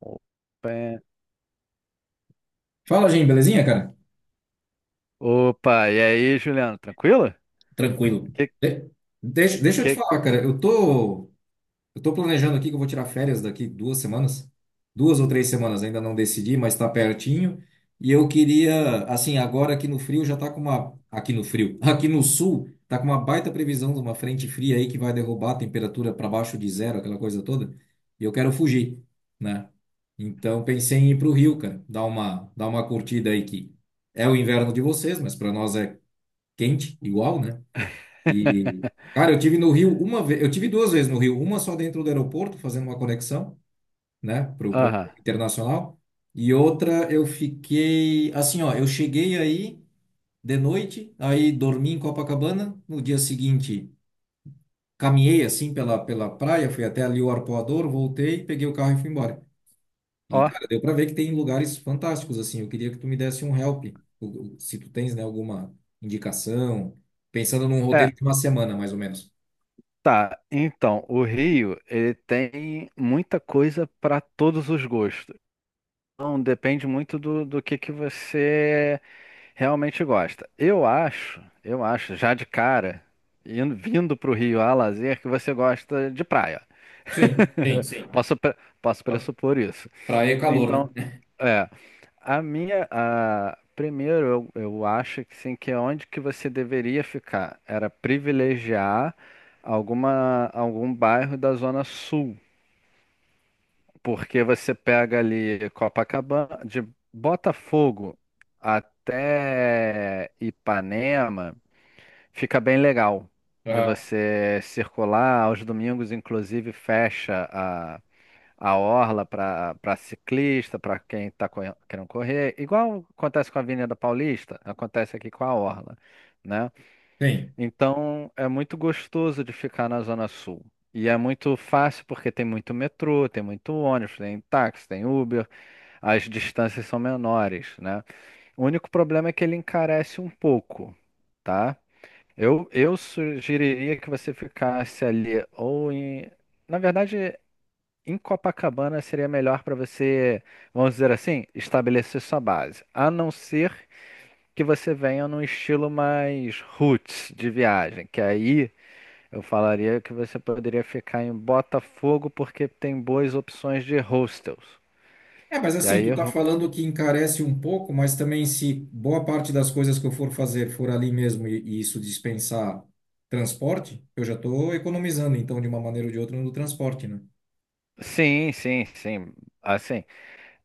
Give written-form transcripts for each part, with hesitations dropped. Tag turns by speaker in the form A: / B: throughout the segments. A: Opa, é-
B: Fala, Jim, belezinha, cara?
A: Opa, e aí, Juliano, tranquilo?
B: Tranquilo.
A: Que,
B: De- deixa eu te
A: que...
B: falar, cara. Eu tô planejando aqui que eu vou tirar férias daqui duas semanas. Duas ou três semanas, ainda não decidi, mas tá pertinho. E eu queria, assim, agora aqui no frio já tá com uma. Aqui no frio, aqui no sul, tá com uma baita previsão de uma frente fria aí que vai derrubar a temperatura para baixo de zero, aquela coisa toda. E eu quero fugir, né? Então pensei em ir pro Rio, cara, dar uma curtida aí que é o inverno de vocês, mas para nós é quente, igual, né? E, cara, eu tive duas vezes no Rio, uma só dentro do aeroporto, fazendo uma conexão, né, para pro
A: Aham,
B: internacional, e outra eu fiquei, assim, ó, eu cheguei aí de noite, aí dormi em Copacabana, no dia seguinte caminhei, assim, pela praia, fui até ali o Arpoador, voltei, peguei o carro e fui embora. E,
A: ó,
B: cara, deu pra ver que tem lugares fantásticos, assim. Eu queria que tu me desse um help, se tu tens, né, alguma indicação, pensando num
A: é,
B: roteiro de uma semana, mais ou menos.
A: tá, então, o Rio, ele tem muita coisa para todos os gostos. Então, depende muito do que você realmente gosta. Eu acho, já de cara, indo, vindo pro Rio a lazer, que você gosta de praia.
B: Sim, sim, sim.
A: Posso pressupor isso.
B: Praia é calor, né?
A: Então, é, primeiro, eu acho que sim, que é onde que você deveria ficar era privilegiar algum bairro da Zona Sul, porque você pega ali Copacabana, de Botafogo até Ipanema, fica bem legal de
B: Aham.
A: você circular. Aos domingos, inclusive, fecha a orla para ciclista, para quem está querendo correr, igual acontece com a Avenida Paulista, acontece aqui com a orla, né?
B: Tem.
A: Então é muito gostoso de ficar na Zona Sul. E é muito fácil porque tem muito metrô, tem muito ônibus, tem táxi, tem Uber, as distâncias são menores, né? O único problema é que ele encarece um pouco, tá? Eu sugeriria que você ficasse ali ou em. Na verdade. Em Copacabana seria melhor para você, vamos dizer assim, estabelecer sua base. A não ser que você venha num estilo mais roots de viagem, que aí eu falaria que você poderia ficar em Botafogo porque tem boas opções de hostels.
B: É, mas
A: E
B: assim,
A: aí,
B: tu tá
A: ro-
B: falando que encarece um pouco, mas também se boa parte das coisas que eu for fazer for ali mesmo e isso dispensar transporte, eu já tô economizando, então, de uma maneira ou de outra, no transporte, né?
A: sim, sim, sim. Assim,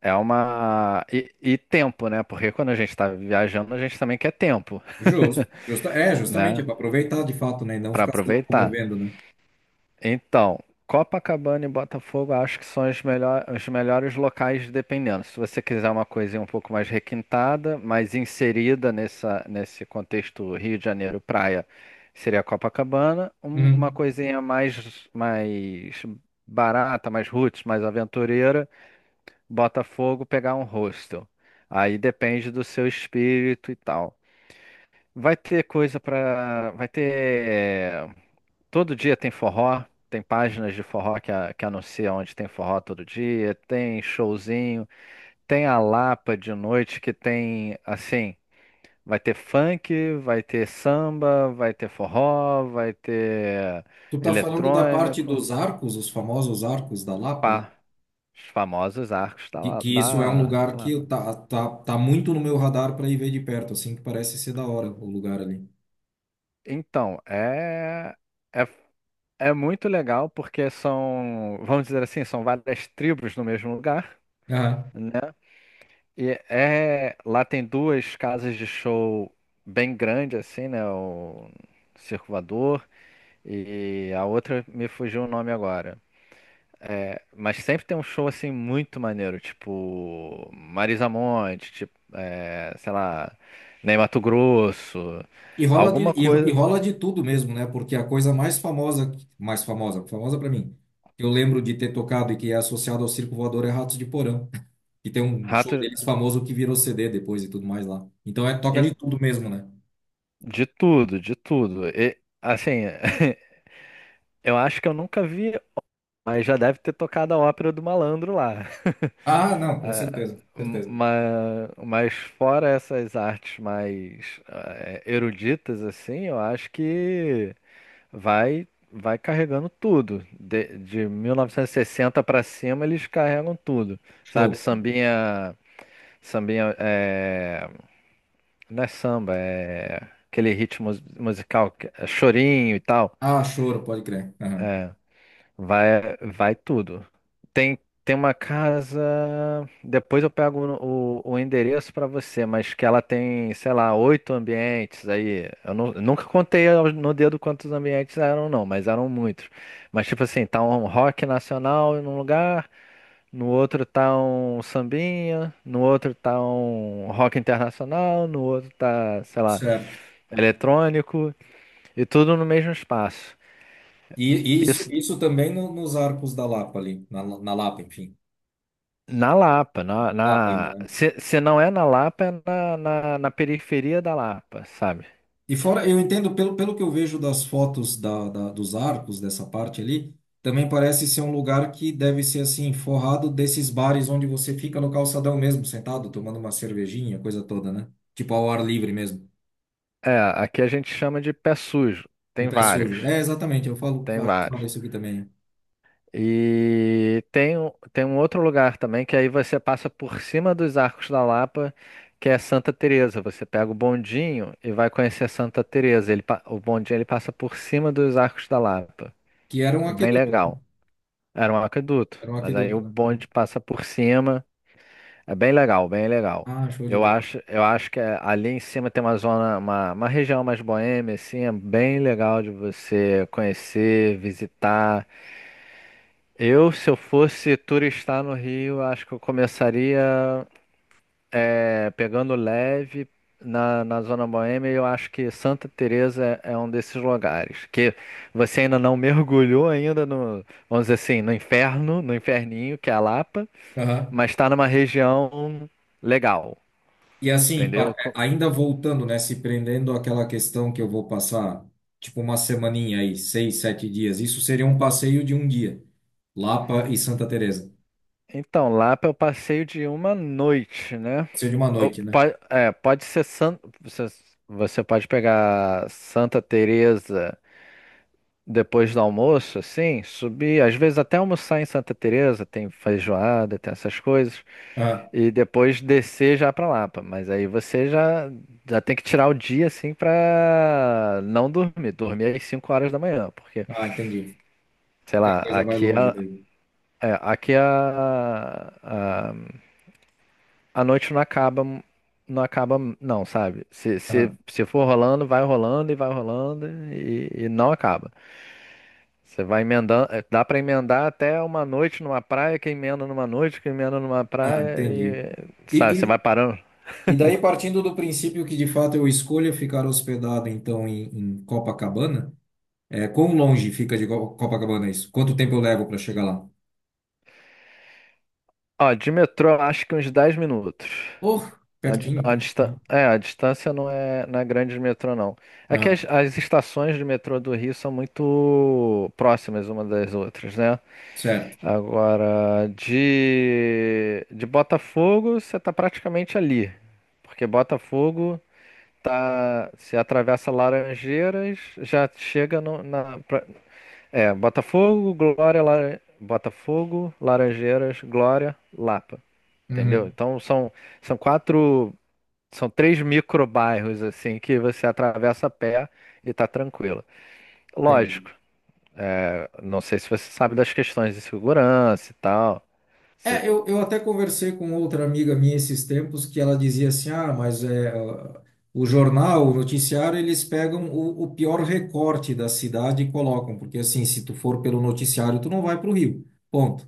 A: é uma. E tempo, né? Porque quando a gente está viajando, a gente também quer tempo,
B: Justo. Justa, é, justamente, é
A: né?
B: para aproveitar de fato, né? E não
A: Para
B: ficar se
A: aproveitar.
B: locomovendo, né?
A: Então, Copacabana e Botafogo acho que são os melhores locais, dependendo. Se você quiser uma coisinha um pouco mais requintada, mais inserida nesse contexto Rio de Janeiro praia, seria Copacabana. Uma
B: Uhum.
A: coisinha mais, mais barata, mais roots, mais aventureira, Botafogo pegar um hostel. Aí depende do seu espírito e tal. Vai ter coisa para, vai ter. Todo dia tem forró, tem páginas de forró que anunciam onde tem forró todo dia, tem showzinho, tem a Lapa de noite que tem, assim, vai ter funk, vai ter samba, vai ter forró, vai ter
B: Tu tá falando da parte
A: eletrônico,
B: dos arcos, os famosos arcos da Lapa, ali?
A: pá, os famosos arcos da,
B: que,
A: La-
B: que isso é um
A: da,
B: lugar
A: da
B: que
A: Lapa.
B: tá muito no meu radar para ir ver de perto, assim que parece ser da hora o lugar ali.
A: Então, é, é muito legal porque são, vamos dizer assim, são várias tribos no mesmo lugar,
B: Aham.
A: né? Lá tem duas casas de show bem grandes, assim, né? O Circo Voador e a outra me fugiu o nome agora. É, mas sempre tem um show, assim, muito maneiro, tipo Marisa Monte, tipo, é, sei lá, Ney Mato Grosso, alguma
B: E
A: coisa,
B: rola de tudo mesmo, né? Porque a coisa mais famosa, famosa para mim, que eu lembro de ter tocado e que é associado ao Circo Voador é Ratos de Porão, que tem um
A: rato
B: show deles famoso que virou CD depois e tudo mais lá. Então é toca
A: e-
B: de tudo mesmo, né?
A: de tudo, de tudo. E, assim, eu acho que eu nunca vi, mas já deve ter tocado a ópera do Malandro lá.
B: Ah, não, com certeza, certeza.
A: Mas fora essas artes mais eruditas, assim, eu acho que vai vai carregando tudo. De 1960 para cima, eles carregam tudo. Sabe,
B: Show.
A: sambinha, sambinha, não é samba, é aquele ritmo musical, que é chorinho e tal.
B: Ah, choro, pode crer. Aham.
A: Vai, vai tudo. Tem, tem uma casa. Depois eu pego o endereço pra você, mas que ela tem, sei lá, oito ambientes aí. Eu nunca contei no dedo quantos ambientes eram, não, mas eram muitos. Mas tipo assim, tá um rock nacional em um lugar, no outro tá um sambinha, no outro tá um rock internacional, no outro tá, sei lá,
B: Certo.
A: eletrônico, e tudo no mesmo espaço.
B: E, e isso, isso também nos Arcos da Lapa ali, na Lapa, enfim.
A: Na Lapa,
B: Lapa ainda, né?
A: Se, não é na Lapa, é na periferia da Lapa, sabe?
B: E fora, eu entendo, pelo que eu vejo das fotos dos arcos dessa parte ali, também parece ser um lugar que deve ser assim, forrado desses bares onde você fica no calçadão mesmo, sentado, tomando uma cervejinha, coisa toda, né? Tipo ao ar livre mesmo,
A: É, aqui a gente chama de pé sujo.
B: um
A: Tem
B: pé sujo.
A: vários,
B: É, exatamente, eu falo, a
A: tem
B: gente
A: vários.
B: fala isso aqui também, né?
A: E tem um outro lugar também que aí você passa por cima dos Arcos da Lapa, que é Santa Teresa. Você pega o bondinho e vai conhecer Santa Teresa. O bondinho ele passa por cima dos Arcos da Lapa.
B: Que era um
A: É bem
B: aqueduto, né?
A: legal. Era um aqueduto,
B: Era um
A: mas aí
B: aqueduto,
A: o
B: né?
A: bonde passa por cima. É bem legal, bem legal.
B: Ah, show de
A: Eu
B: bola.
A: acho, eu acho que ali em cima tem uma zona, uma região mais boêmia, assim, é bem legal de você conhecer, visitar. Eu, se eu fosse turistar no Rio, acho que eu começaria pegando leve na zona boêmia. E eu acho que Santa Teresa é um desses lugares que você ainda não mergulhou ainda no, vamos dizer assim, no inferno, no inferninho que é a Lapa,
B: Aham.
A: mas está numa região legal.
B: E assim,
A: Entendeu?
B: é, ainda voltando, né, se prendendo àquela questão que eu vou passar, tipo uma semaninha aí, seis, sete dias, isso seria um passeio de um dia, Lapa e Santa Teresa.
A: Então, Lapa é o passeio de uma noite, né?
B: Passeio de uma noite, né?
A: Pode ser San... Você você pode pegar Santa Teresa depois do almoço, assim, subir, às vezes até almoçar em Santa Teresa, tem feijoada, tem essas coisas,
B: Ah,
A: e depois descer já pra Lapa. Mas aí você já, já tem que tirar o dia, assim, pra não dormir. Dormir às 5 horas da manhã, porque,
B: ah, entendi.
A: sei
B: E a
A: lá,
B: coisa vai longe daí.
A: aqui é a noite não acaba, não acaba, não, sabe? Se, se,
B: Ah,
A: se for rolando, vai rolando e vai rolando e não acaba. Você vai emendando, dá pra emendar até uma noite numa praia, que emenda numa noite, que emenda numa
B: ah,
A: praia
B: entendi.
A: e,
B: E,
A: sabe, você vai
B: e,
A: parando.
B: e daí, partindo do princípio que de fato eu escolha ficar hospedado, então, em, em Copacabana, é, quão longe fica de Copacabana isso? Quanto tempo eu levo para chegar lá?
A: Ó, de metrô, eu acho que uns 10 minutos.
B: Oh, pertinho, então.
A: A distância não é, não é grande de metrô, não. É que
B: Ah,
A: as estações de metrô do Rio são muito próximas uma das outras, né?
B: certo.
A: Agora, de Botafogo, você tá praticamente ali. Porque Botafogo tá, se atravessa Laranjeiras, já chega Botafogo, Glória, Botafogo, Laranjeiras, Glória, Lapa. Entendeu?
B: Uhum.
A: Então são, são quatro. São três microbairros assim que você atravessa a pé e tá tranquilo.
B: Entendi.
A: Lógico, não sei se você sabe das questões de segurança e tal. Você-
B: Eu até conversei com outra amiga minha esses tempos que ela dizia assim, ah, mas é, ó, o jornal, o noticiário, eles pegam o pior recorte da cidade e colocam, porque assim, se tu for pelo noticiário, tu não vai para o Rio, ponto.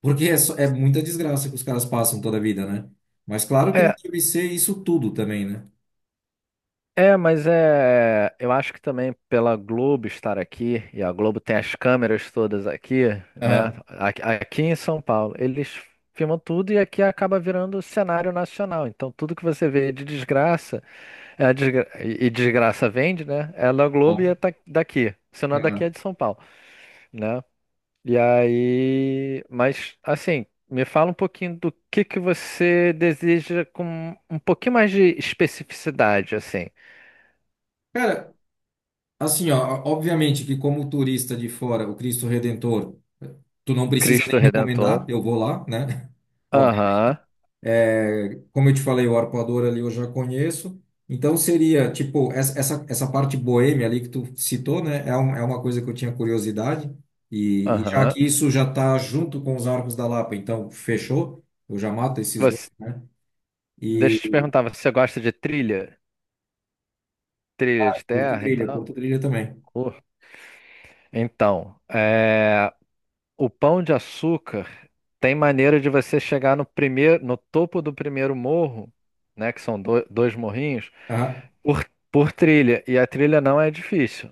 B: Porque é, é muita desgraça que os caras passam toda a vida, né? Mas claro que não
A: é,
B: deve ser isso tudo também, né?
A: É, mas é. Eu acho que também pela Globo estar aqui, e a Globo tem as câmeras todas aqui, né?
B: Ah.
A: Aqui, aqui em São Paulo, eles filmam tudo e aqui acaba virando cenário nacional. Então, tudo que você vê de desgraça, e desgraça vende, né? É da Globo
B: Bom.
A: e é daqui. Se não é daqui, é
B: Aham.
A: de São Paulo, né? E aí. Mas, assim. Me fala um pouquinho do que você deseja com um pouquinho mais de especificidade, assim.
B: Cara, assim, ó, obviamente que como turista de fora, o Cristo Redentor, tu não precisa
A: Cristo
B: nem recomendar,
A: Redentor.
B: eu vou lá, né?
A: Aham,
B: É, como eu te falei, o arpoador ali eu já conheço. Então seria, tipo, essa parte boêmia ali que tu citou, né? É, um, é uma coisa que eu tinha curiosidade. E já
A: aham.
B: que isso já tá junto com os Arcos da Lapa, então fechou. Eu já mato esses dois,
A: Você,
B: né?
A: deixa
B: E
A: eu te perguntar, você gosta de trilha? Trilha de terra e tal?
B: curto trilha também.
A: Uh, Então, é, o Pão de Açúcar tem maneira de você chegar no primeiro, no topo do primeiro morro, né, que são dois morrinhos,
B: Aham.
A: por trilha. E a trilha não é difícil.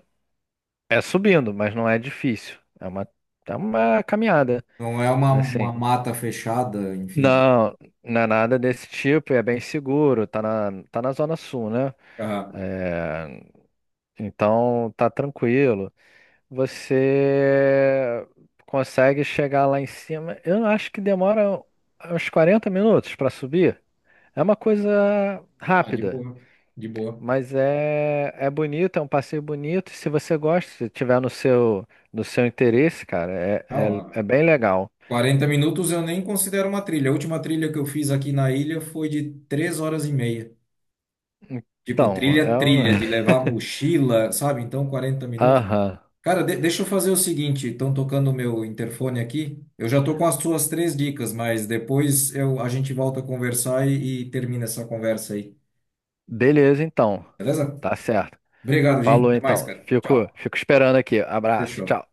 A: É subindo, mas não é difícil. É uma caminhada,
B: Não é
A: assim.
B: uma mata fechada, enfim.
A: Não, não é nada desse tipo, é bem seguro, tá na, tá na Zona Sul, né?
B: Aham.
A: É, então tá tranquilo. Você consegue chegar lá em cima. Eu acho que demora uns 40 minutos para subir. É uma coisa
B: Ah, de
A: rápida,
B: boa, de boa.
A: mas é, é bonito, é um passeio bonito. Se você gosta, se tiver no seu interesse, cara, é,
B: Não,
A: é,
B: ah,
A: é bem legal.
B: 40 minutos eu nem considero uma trilha. A última trilha que eu fiz aqui na ilha foi de 3 horas e meia. Tipo,
A: Então,
B: trilha,
A: é um.
B: trilha, de levar mochila, sabe? Então, quarenta minutos.
A: Aham.
B: Cara, deixa eu fazer o seguinte: estão tocando o meu interfone aqui. Eu já tô com as suas três dicas, mas depois a gente volta a conversar e termina essa conversa aí.
A: Beleza, então.
B: Beleza?
A: Tá certo.
B: Obrigado, gente.
A: Falou,
B: Até mais,
A: então.
B: cara.
A: Fico,
B: Tchau.
A: fico esperando aqui. Abraço.
B: Fechou.
A: Tchau.